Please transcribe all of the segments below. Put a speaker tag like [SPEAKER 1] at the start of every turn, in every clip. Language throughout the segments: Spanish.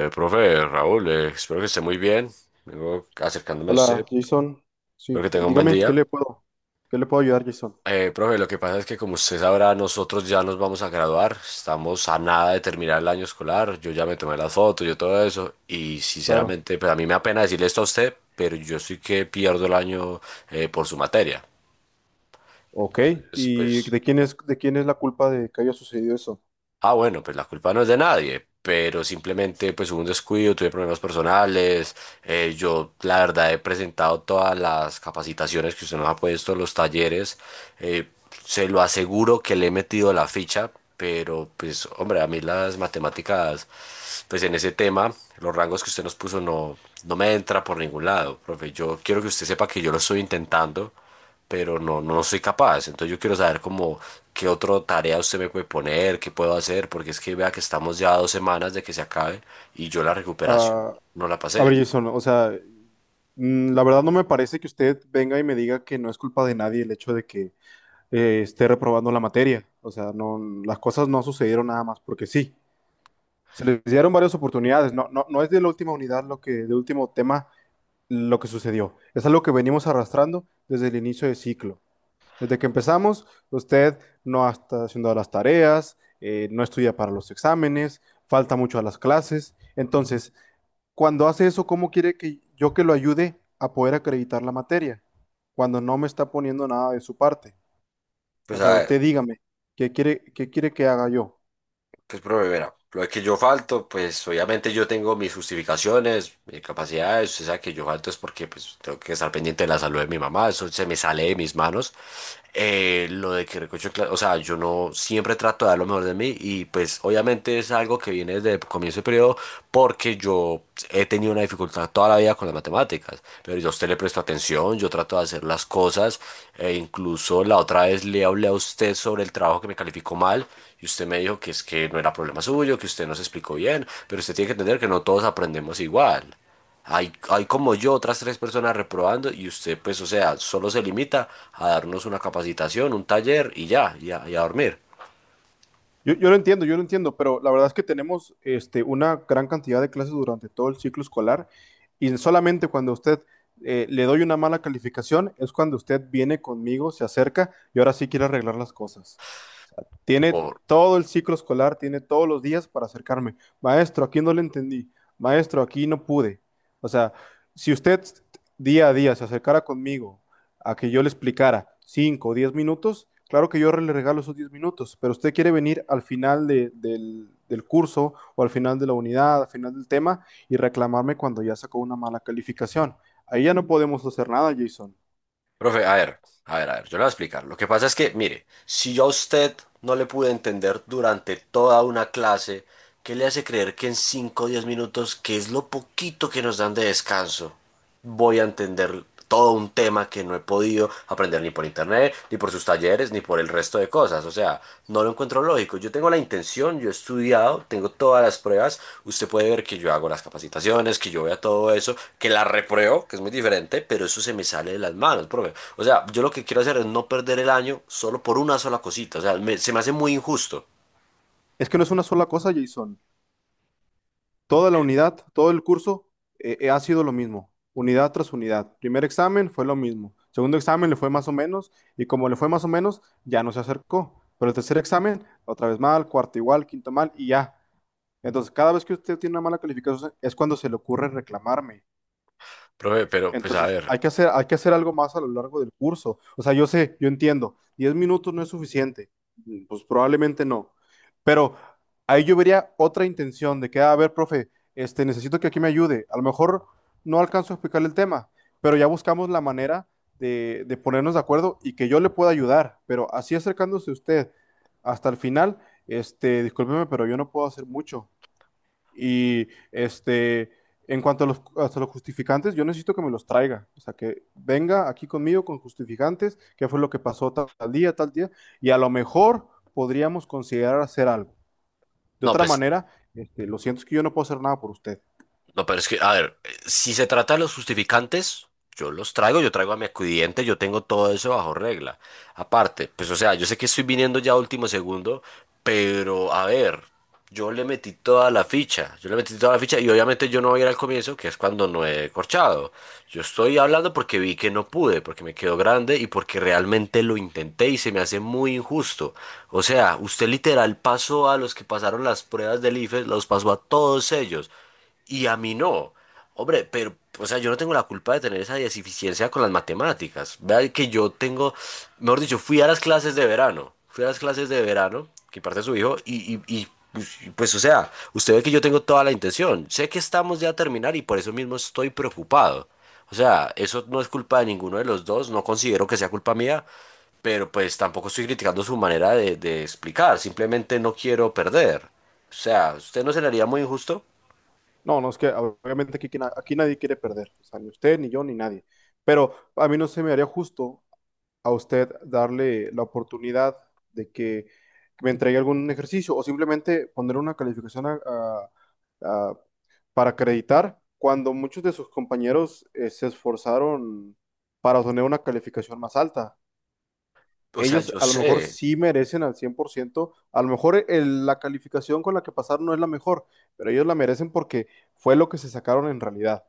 [SPEAKER 1] Profe Raúl, espero que esté muy bien. Vengo acercándome a
[SPEAKER 2] Hola,
[SPEAKER 1] usted.
[SPEAKER 2] Jason.
[SPEAKER 1] Espero
[SPEAKER 2] Sí,
[SPEAKER 1] que tenga un buen
[SPEAKER 2] dígame,
[SPEAKER 1] día.
[SPEAKER 2] qué le puedo ayudar, Jason?
[SPEAKER 1] Profe, lo que pasa es que como usted sabrá, nosotros ya nos vamos a graduar. Estamos a nada de terminar el año escolar. Yo ya me tomé las fotos, yo todo eso. Y
[SPEAKER 2] Claro.
[SPEAKER 1] sinceramente, pues a mí me da pena decirle esto a usted, pero yo sí que pierdo el año por su materia.
[SPEAKER 2] Ok.
[SPEAKER 1] Entonces,
[SPEAKER 2] ¿Y
[SPEAKER 1] Pues,
[SPEAKER 2] de quién es la culpa de que haya sucedido eso?
[SPEAKER 1] Ah, bueno, pues la culpa no es de nadie, pero simplemente pues hubo un descuido, tuve problemas personales, yo la verdad he presentado todas las capacitaciones que usted nos ha puesto, los talleres, eh, se lo aseguro que le he metido la ficha, pero pues hombre, a mí las matemáticas, pues en ese tema, los rangos que usted nos puso no, no me entra por ningún lado, profe, yo quiero que usted sepa que yo lo estoy intentando, pero no, no soy capaz. Entonces yo quiero saber como qué otra tarea usted me puede poner, qué puedo hacer, porque es que vea que estamos ya a dos semanas de que se acabe y yo la recuperación
[SPEAKER 2] Ah,
[SPEAKER 1] no la
[SPEAKER 2] a ver,
[SPEAKER 1] pasé.
[SPEAKER 2] Jason, o sea, la verdad no me parece que usted venga y me diga que no es culpa de nadie el hecho de que esté reprobando la materia. O sea, no, las cosas no sucedieron nada más porque sí. Se les dieron varias oportunidades. No, no, no es de la última unidad del último tema lo que sucedió. Es algo que venimos arrastrando desde el inicio del ciclo. Desde que empezamos, usted no está haciendo las tareas, no estudia para los exámenes, falta mucho a las clases. Entonces, cuando hace eso, ¿cómo quiere que yo que lo ayude a poder acreditar la materia? Cuando no me está poniendo nada de su parte. O
[SPEAKER 1] Pues a
[SPEAKER 2] sea,
[SPEAKER 1] ver,
[SPEAKER 2] usted dígame, qué quiere que haga yo?
[SPEAKER 1] pues profe, verá, lo de que yo falto, pues obviamente yo tengo mis justificaciones, mis capacidades, usted sabe que yo falto es porque pues tengo que estar pendiente de la salud de mi mamá, eso se me sale de mis manos. Lo de que recocho, o sea, yo no siempre trato de dar lo mejor de mí y pues obviamente es algo que viene desde el comienzo del periodo porque yo he tenido una dificultad toda la vida con las matemáticas, pero yo a usted le presto atención, yo trato de hacer las cosas, e incluso la otra vez le hablé a usted sobre el trabajo que me calificó mal y usted me dijo que es que no era problema suyo, que usted no se explicó bien, pero usted tiene que entender que no todos aprendemos igual. Hay como yo otras tres personas reprobando y usted pues o sea, solo se limita a darnos una capacitación, un taller y ya, y a dormir.
[SPEAKER 2] Yo lo entiendo, yo lo entiendo, pero la verdad es que tenemos una gran cantidad de clases durante todo el ciclo escolar y solamente cuando usted le doy una mala calificación es cuando usted viene conmigo, se acerca y ahora sí quiere arreglar las cosas. O sea, tiene todo el ciclo escolar, tiene todos los días para acercarme. Maestro, aquí no le entendí. Maestro, aquí no pude. O sea, si usted día a día se acercara conmigo a que yo le explicara 5 o 10 minutos, claro que yo le regalo esos 10 minutos, pero usted quiere venir al final del curso o al final de la unidad, al final del tema y reclamarme cuando ya sacó una mala calificación. Ahí ya no podemos hacer nada, Jason.
[SPEAKER 1] Profe, a ver, a ver, a ver, yo le voy a explicar. Lo que pasa es que, mire, si yo a usted no le pude entender durante toda una clase, ¿qué le hace creer que en 5 o 10 minutos, que es lo poquito que nos dan de descanso, voy a entender todo un tema que no he podido aprender ni por internet, ni por sus talleres, ni por el resto de cosas? O sea, no lo encuentro lógico. Yo tengo la intención, yo he estudiado, tengo todas las pruebas. Usted puede ver que yo hago las capacitaciones, que yo vea todo eso, que la repruebo, que es muy diferente, pero eso se me sale de las manos, profe. O sea, yo lo que quiero hacer es no perder el año solo por una sola cosita. O sea, se me hace muy injusto.
[SPEAKER 2] Es que no es una sola cosa, Jason. Toda la unidad, todo el curso ha sido lo mismo, unidad tras unidad. Primer examen fue lo mismo, segundo examen le fue más o menos y como le fue más o menos, ya no se acercó. Pero el tercer examen, otra vez mal, cuarto igual, quinto mal y ya. Entonces, cada vez que usted tiene una mala calificación es cuando se le ocurre reclamarme.
[SPEAKER 1] Profe, pero pues a
[SPEAKER 2] Entonces,
[SPEAKER 1] ver,
[SPEAKER 2] hay que hacer algo más a lo largo del curso. O sea, yo sé, yo entiendo, 10 minutos no es suficiente. Pues probablemente no. Pero ahí yo vería otra intención de que, "Ah, a ver, profe, necesito que aquí me ayude. A lo mejor no alcanzo a explicarle el tema, pero ya buscamos la manera de ponernos de acuerdo y que yo le pueda ayudar. Pero así acercándose usted hasta el final, discúlpeme, pero yo no puedo hacer mucho. Y en cuanto a hasta los justificantes, yo necesito que me los traiga. O sea, que venga aquí conmigo con justificantes, qué fue lo que pasó tal, tal día, y a lo mejor podríamos considerar hacer algo. De
[SPEAKER 1] no,
[SPEAKER 2] otra
[SPEAKER 1] pues
[SPEAKER 2] manera, lo siento, es que yo no puedo hacer nada por usted.
[SPEAKER 1] no, pero es que, a ver, si se trata de los justificantes, yo los traigo, yo traigo a mi acudiente, yo tengo todo eso bajo regla. Aparte, pues o sea, yo sé que estoy viniendo ya a último segundo, pero a ver, yo le metí toda la ficha y obviamente yo no voy a ir al comienzo, que es cuando no he corchado. Yo estoy hablando porque vi que no pude, porque me quedó grande y porque realmente lo intenté y se me hace muy injusto. O sea, usted literal pasó a los que pasaron las pruebas del IFES, los pasó a todos ellos y a mí no. Hombre, pero, o sea, yo no tengo la culpa de tener esa deficiencia con las matemáticas. Vea que yo tengo, mejor dicho, fui a las clases de verano, que parte su hijo, o sea, usted ve que yo tengo toda la intención. Sé que estamos ya a terminar y por eso mismo estoy preocupado. O sea, eso no es culpa de ninguno de los dos, no considero que sea culpa mía, pero pues tampoco estoy criticando su manera de explicar, simplemente no quiero perder. O sea, ¿usted no se le haría muy injusto?
[SPEAKER 2] No, no, es que obviamente aquí nadie quiere perder. O sea, ni usted, ni yo, ni nadie. Pero a mí no se me haría justo a usted darle la oportunidad de que me entregue algún ejercicio o simplemente poner una calificación a- para acreditar cuando muchos de sus compañeros se esforzaron para obtener una calificación más alta.
[SPEAKER 1] O sea,
[SPEAKER 2] Ellos
[SPEAKER 1] yo
[SPEAKER 2] a lo mejor
[SPEAKER 1] sé,
[SPEAKER 2] sí merecen al 100% a lo mejor la calificación con la que pasaron no es la mejor, pero ellos la merecen porque fue lo que se sacaron en realidad.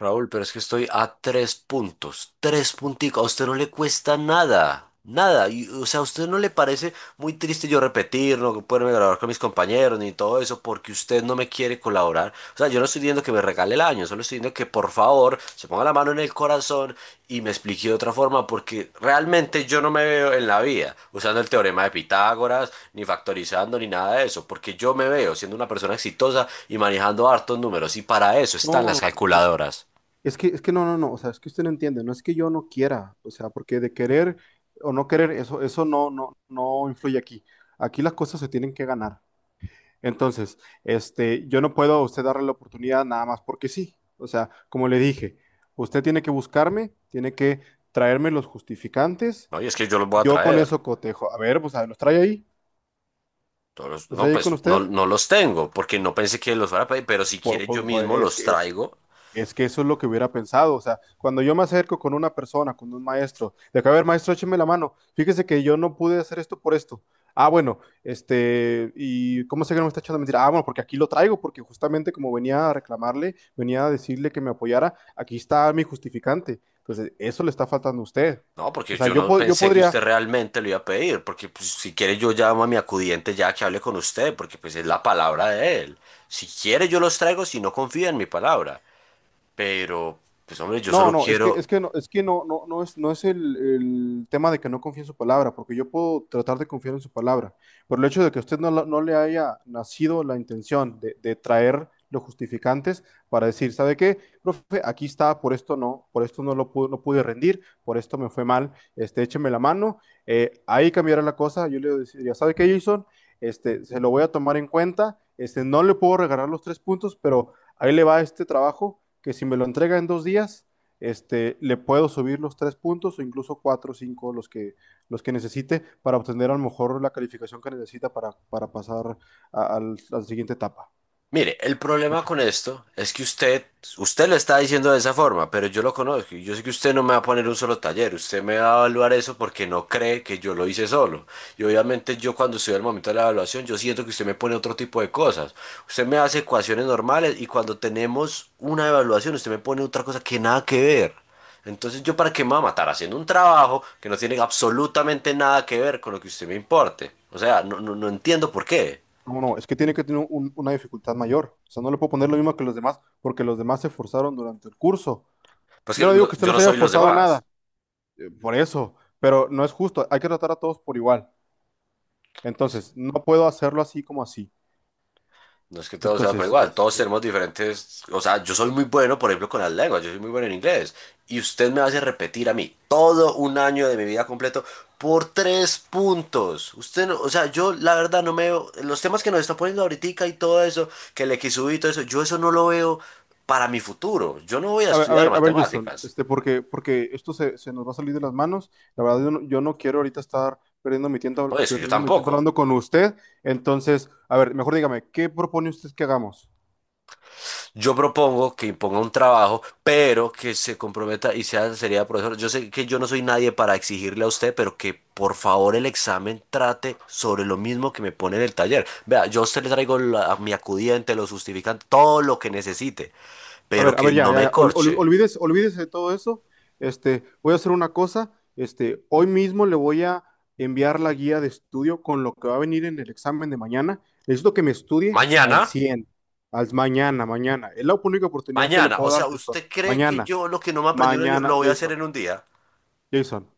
[SPEAKER 1] Raúl, pero es que estoy a tres puntos, tres punticos, a usted no le cuesta nada, nada, y, o sea, ¿a usted no le parece muy triste yo repetir, no poderme grabar con mis compañeros ni todo eso, porque usted no me quiere colaborar? O sea, yo no estoy diciendo que me regale el año, solo estoy diciendo que por favor se ponga la mano en el corazón y me explique de otra forma, porque realmente yo no me veo en la vida usando el teorema de Pitágoras, ni factorizando, ni nada de eso, porque yo me veo siendo una persona exitosa y manejando hartos números, y para eso están
[SPEAKER 2] No,
[SPEAKER 1] las
[SPEAKER 2] no, es
[SPEAKER 1] calculadoras.
[SPEAKER 2] es que no, no, no, o sea, es que usted no entiende, no es que yo no quiera, o sea, porque de querer o no querer, eso no, no, no influye aquí. Aquí las cosas se tienen que ganar. Entonces, yo no puedo a usted darle la oportunidad nada más porque sí. O sea, como le dije, usted tiene que buscarme, tiene que traerme los justificantes,
[SPEAKER 1] No, y es que yo los voy a
[SPEAKER 2] yo con
[SPEAKER 1] traer.
[SPEAKER 2] eso cotejo. A ver, pues a ver, los
[SPEAKER 1] No,
[SPEAKER 2] trae ahí con
[SPEAKER 1] pues no,
[SPEAKER 2] usted.
[SPEAKER 1] no los tengo, porque no pensé que los fuera a pedir, pero si
[SPEAKER 2] Por-
[SPEAKER 1] quiere yo
[SPEAKER 2] por- por-
[SPEAKER 1] mismo
[SPEAKER 2] es
[SPEAKER 1] los
[SPEAKER 2] que es,
[SPEAKER 1] traigo.
[SPEAKER 2] Es que eso es lo que hubiera pensado. O sea, cuando yo me acerco con una persona, con un maestro, de acá, a ver, maestro, écheme la mano. Fíjese que yo no pude hacer esto por esto. Ah, bueno, ¿y cómo sé que no me está echando mentira? Ah, bueno, porque aquí lo traigo, porque justamente como venía a reclamarle, venía a decirle que me apoyara, aquí está mi justificante. Entonces, eso le está faltando a usted.
[SPEAKER 1] No,
[SPEAKER 2] O
[SPEAKER 1] porque
[SPEAKER 2] sea,
[SPEAKER 1] yo
[SPEAKER 2] yo,
[SPEAKER 1] no
[SPEAKER 2] po- yo
[SPEAKER 1] pensé que
[SPEAKER 2] podría.
[SPEAKER 1] usted realmente lo iba a pedir, porque pues, si quiere yo llamo a mi acudiente ya que hable con usted, porque pues es la palabra de él. Si quiere yo los traigo, si no confía en mi palabra. Pero, pues hombre, yo
[SPEAKER 2] No,
[SPEAKER 1] solo
[SPEAKER 2] no, es que,
[SPEAKER 1] quiero,
[SPEAKER 2] es que no, no es el tema de que no confíe en su palabra, porque yo puedo tratar de confiar en su palabra, pero el hecho de que usted no, no le haya nacido la intención de traer los justificantes para decir, ¿sabe qué? Profe, aquí está, por esto no lo pude, no pude rendir, por esto me fue mal, écheme la mano, ahí cambiará la cosa, yo le diría, ¿sabe qué, Jason? Se lo voy a tomar en cuenta, no le puedo regalar los 3 puntos, pero ahí le va este trabajo, que si me lo entrega en 2 días le puedo subir los 3 puntos o incluso cuatro o cinco los que necesite para obtener a lo mejor la calificación que necesita para pasar a la siguiente etapa.
[SPEAKER 1] mire, el problema con esto es que usted lo está diciendo de esa forma, pero yo lo conozco y yo sé que usted no me va a poner un solo taller, usted me va a evaluar eso porque no cree que yo lo hice solo. Y obviamente yo cuando estoy al momento de la evaluación, yo siento que usted me pone otro tipo de cosas. Usted me hace ecuaciones normales y cuando tenemos una evaluación, usted me pone otra cosa que nada que ver. Entonces yo para qué me va a matar haciendo un trabajo que no tiene absolutamente nada que ver con lo que usted me importe. O sea, no, no, no entiendo por qué.
[SPEAKER 2] No, no, es que tiene que tener una dificultad mayor. O sea, no le puedo poner lo mismo que los demás porque los demás se esforzaron durante el curso. Yo no digo que usted
[SPEAKER 1] Yo
[SPEAKER 2] no
[SPEAKER 1] no
[SPEAKER 2] se haya
[SPEAKER 1] soy los
[SPEAKER 2] forzado
[SPEAKER 1] demás.
[SPEAKER 2] nada, por eso, pero no es justo. Hay que tratar a todos por igual. Entonces, no puedo hacerlo así como así.
[SPEAKER 1] No es que todos sean por
[SPEAKER 2] Entonces,
[SPEAKER 1] igual, todos tenemos diferentes, o sea, yo soy muy bueno, por ejemplo, con las lenguas, yo soy muy bueno en inglés, y usted me hace repetir a mí todo un año de mi vida completo por tres puntos. Usted no, o sea, yo la verdad no me veo, los temas que nos está poniendo ahorita y todo eso, que el XU y todo eso, yo eso no lo veo para mi futuro. Yo no voy a
[SPEAKER 2] a ver, a
[SPEAKER 1] estudiar
[SPEAKER 2] ver, a ver, Jason,
[SPEAKER 1] matemáticas.
[SPEAKER 2] porque esto se nos va a salir de las manos. La verdad, yo no quiero ahorita estar
[SPEAKER 1] No, es que yo
[SPEAKER 2] perdiendo mi tiempo
[SPEAKER 1] tampoco.
[SPEAKER 2] hablando con usted. Entonces, a ver, mejor dígame, ¿qué propone usted que hagamos?
[SPEAKER 1] Yo propongo que imponga un trabajo, pero que se comprometa y sea seriedad, profesor. Yo sé que yo no soy nadie para exigirle a usted, pero que por favor el examen trate sobre lo mismo que me pone en el taller. Vea, yo a usted le traigo mi acudiente, lo justificante, todo lo que necesite, pero
[SPEAKER 2] A
[SPEAKER 1] que
[SPEAKER 2] ver, ya,
[SPEAKER 1] no
[SPEAKER 2] ya,
[SPEAKER 1] me
[SPEAKER 2] ya, ol- ol-
[SPEAKER 1] corche.
[SPEAKER 2] olvídese, olvídese de todo eso. Voy a hacer una cosa. Hoy mismo le voy a enviar la guía de estudio con lo que va a venir en el examen de mañana. Necesito que me estudie
[SPEAKER 1] Mañana,
[SPEAKER 2] al 100%. Al mañana, mañana. Es la única oportunidad que le
[SPEAKER 1] mañana. O
[SPEAKER 2] puedo dar,
[SPEAKER 1] sea,
[SPEAKER 2] Jason.
[SPEAKER 1] ¿usted cree que
[SPEAKER 2] Mañana,
[SPEAKER 1] yo lo que no me aprendí un año
[SPEAKER 2] mañana,
[SPEAKER 1] lo voy a hacer
[SPEAKER 2] Jason.
[SPEAKER 1] en un día?
[SPEAKER 2] Jason,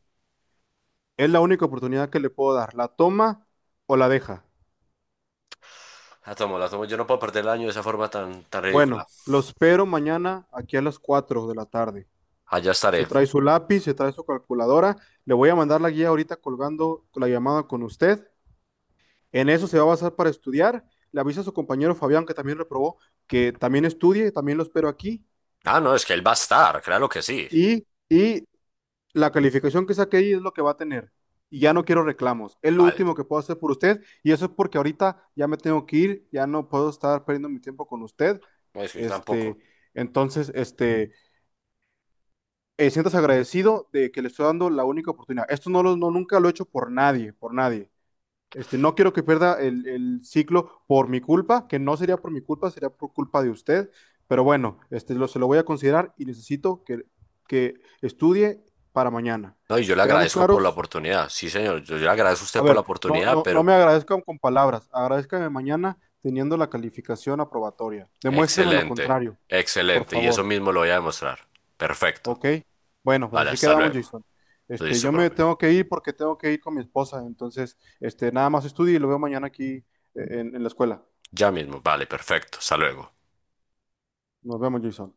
[SPEAKER 2] es la única oportunidad que le puedo dar. ¿La toma o la deja?
[SPEAKER 1] La tomo, la tomo. Yo no puedo perder el año de esa forma tan, tan
[SPEAKER 2] Bueno,
[SPEAKER 1] ridícula.
[SPEAKER 2] lo espero mañana aquí a las 4 de la tarde.
[SPEAKER 1] Allá
[SPEAKER 2] Se
[SPEAKER 1] estaré.
[SPEAKER 2] trae su lápiz, se trae su calculadora. Le voy a mandar la guía ahorita colgando la llamada con usted. En eso se va a basar para estudiar. Le avisa a su compañero Fabián, que también reprobó, que también estudie, también lo espero aquí.
[SPEAKER 1] Ah, no, es que él va a estar, claro que sí.
[SPEAKER 2] Y la calificación que saque ahí es lo que va a tener. Y ya no quiero reclamos. Es lo
[SPEAKER 1] Vale.
[SPEAKER 2] último que puedo hacer por usted. Y eso es porque ahorita ya me tengo que ir, ya no puedo estar perdiendo mi tiempo con usted.
[SPEAKER 1] No, es que yo tampoco.
[SPEAKER 2] Este, entonces, sientas agradecido de que le estoy dando la única oportunidad. Esto no lo, no, nunca lo he hecho por nadie, por nadie. No quiero que pierda el ciclo por mi culpa, que no sería por mi culpa, sería por culpa de usted. Pero bueno, se lo voy a considerar y necesito que estudie para mañana.
[SPEAKER 1] No, y yo le
[SPEAKER 2] ¿Quedamos
[SPEAKER 1] agradezco por la
[SPEAKER 2] claros?
[SPEAKER 1] oportunidad. Sí, señor, yo le agradezco a
[SPEAKER 2] A
[SPEAKER 1] usted por la
[SPEAKER 2] ver, no,
[SPEAKER 1] oportunidad,
[SPEAKER 2] no, no
[SPEAKER 1] pero
[SPEAKER 2] me
[SPEAKER 1] que...
[SPEAKER 2] agradezcan con palabras, agradezcanme mañana teniendo la calificación aprobatoria. Demuéstreme lo
[SPEAKER 1] Excelente,
[SPEAKER 2] contrario, por
[SPEAKER 1] excelente. Y eso
[SPEAKER 2] favor.
[SPEAKER 1] mismo lo voy a demostrar. Perfecto.
[SPEAKER 2] ¿Ok? Bueno, pues
[SPEAKER 1] Vale,
[SPEAKER 2] así
[SPEAKER 1] hasta
[SPEAKER 2] quedamos,
[SPEAKER 1] luego.
[SPEAKER 2] Jason. Este,
[SPEAKER 1] Listo,
[SPEAKER 2] yo me
[SPEAKER 1] profe.
[SPEAKER 2] tengo que ir porque tengo que ir con mi esposa, entonces, nada más estudie y lo veo mañana aquí en la escuela.
[SPEAKER 1] Ya mismo, vale, perfecto. Hasta luego.
[SPEAKER 2] Nos vemos, Jason.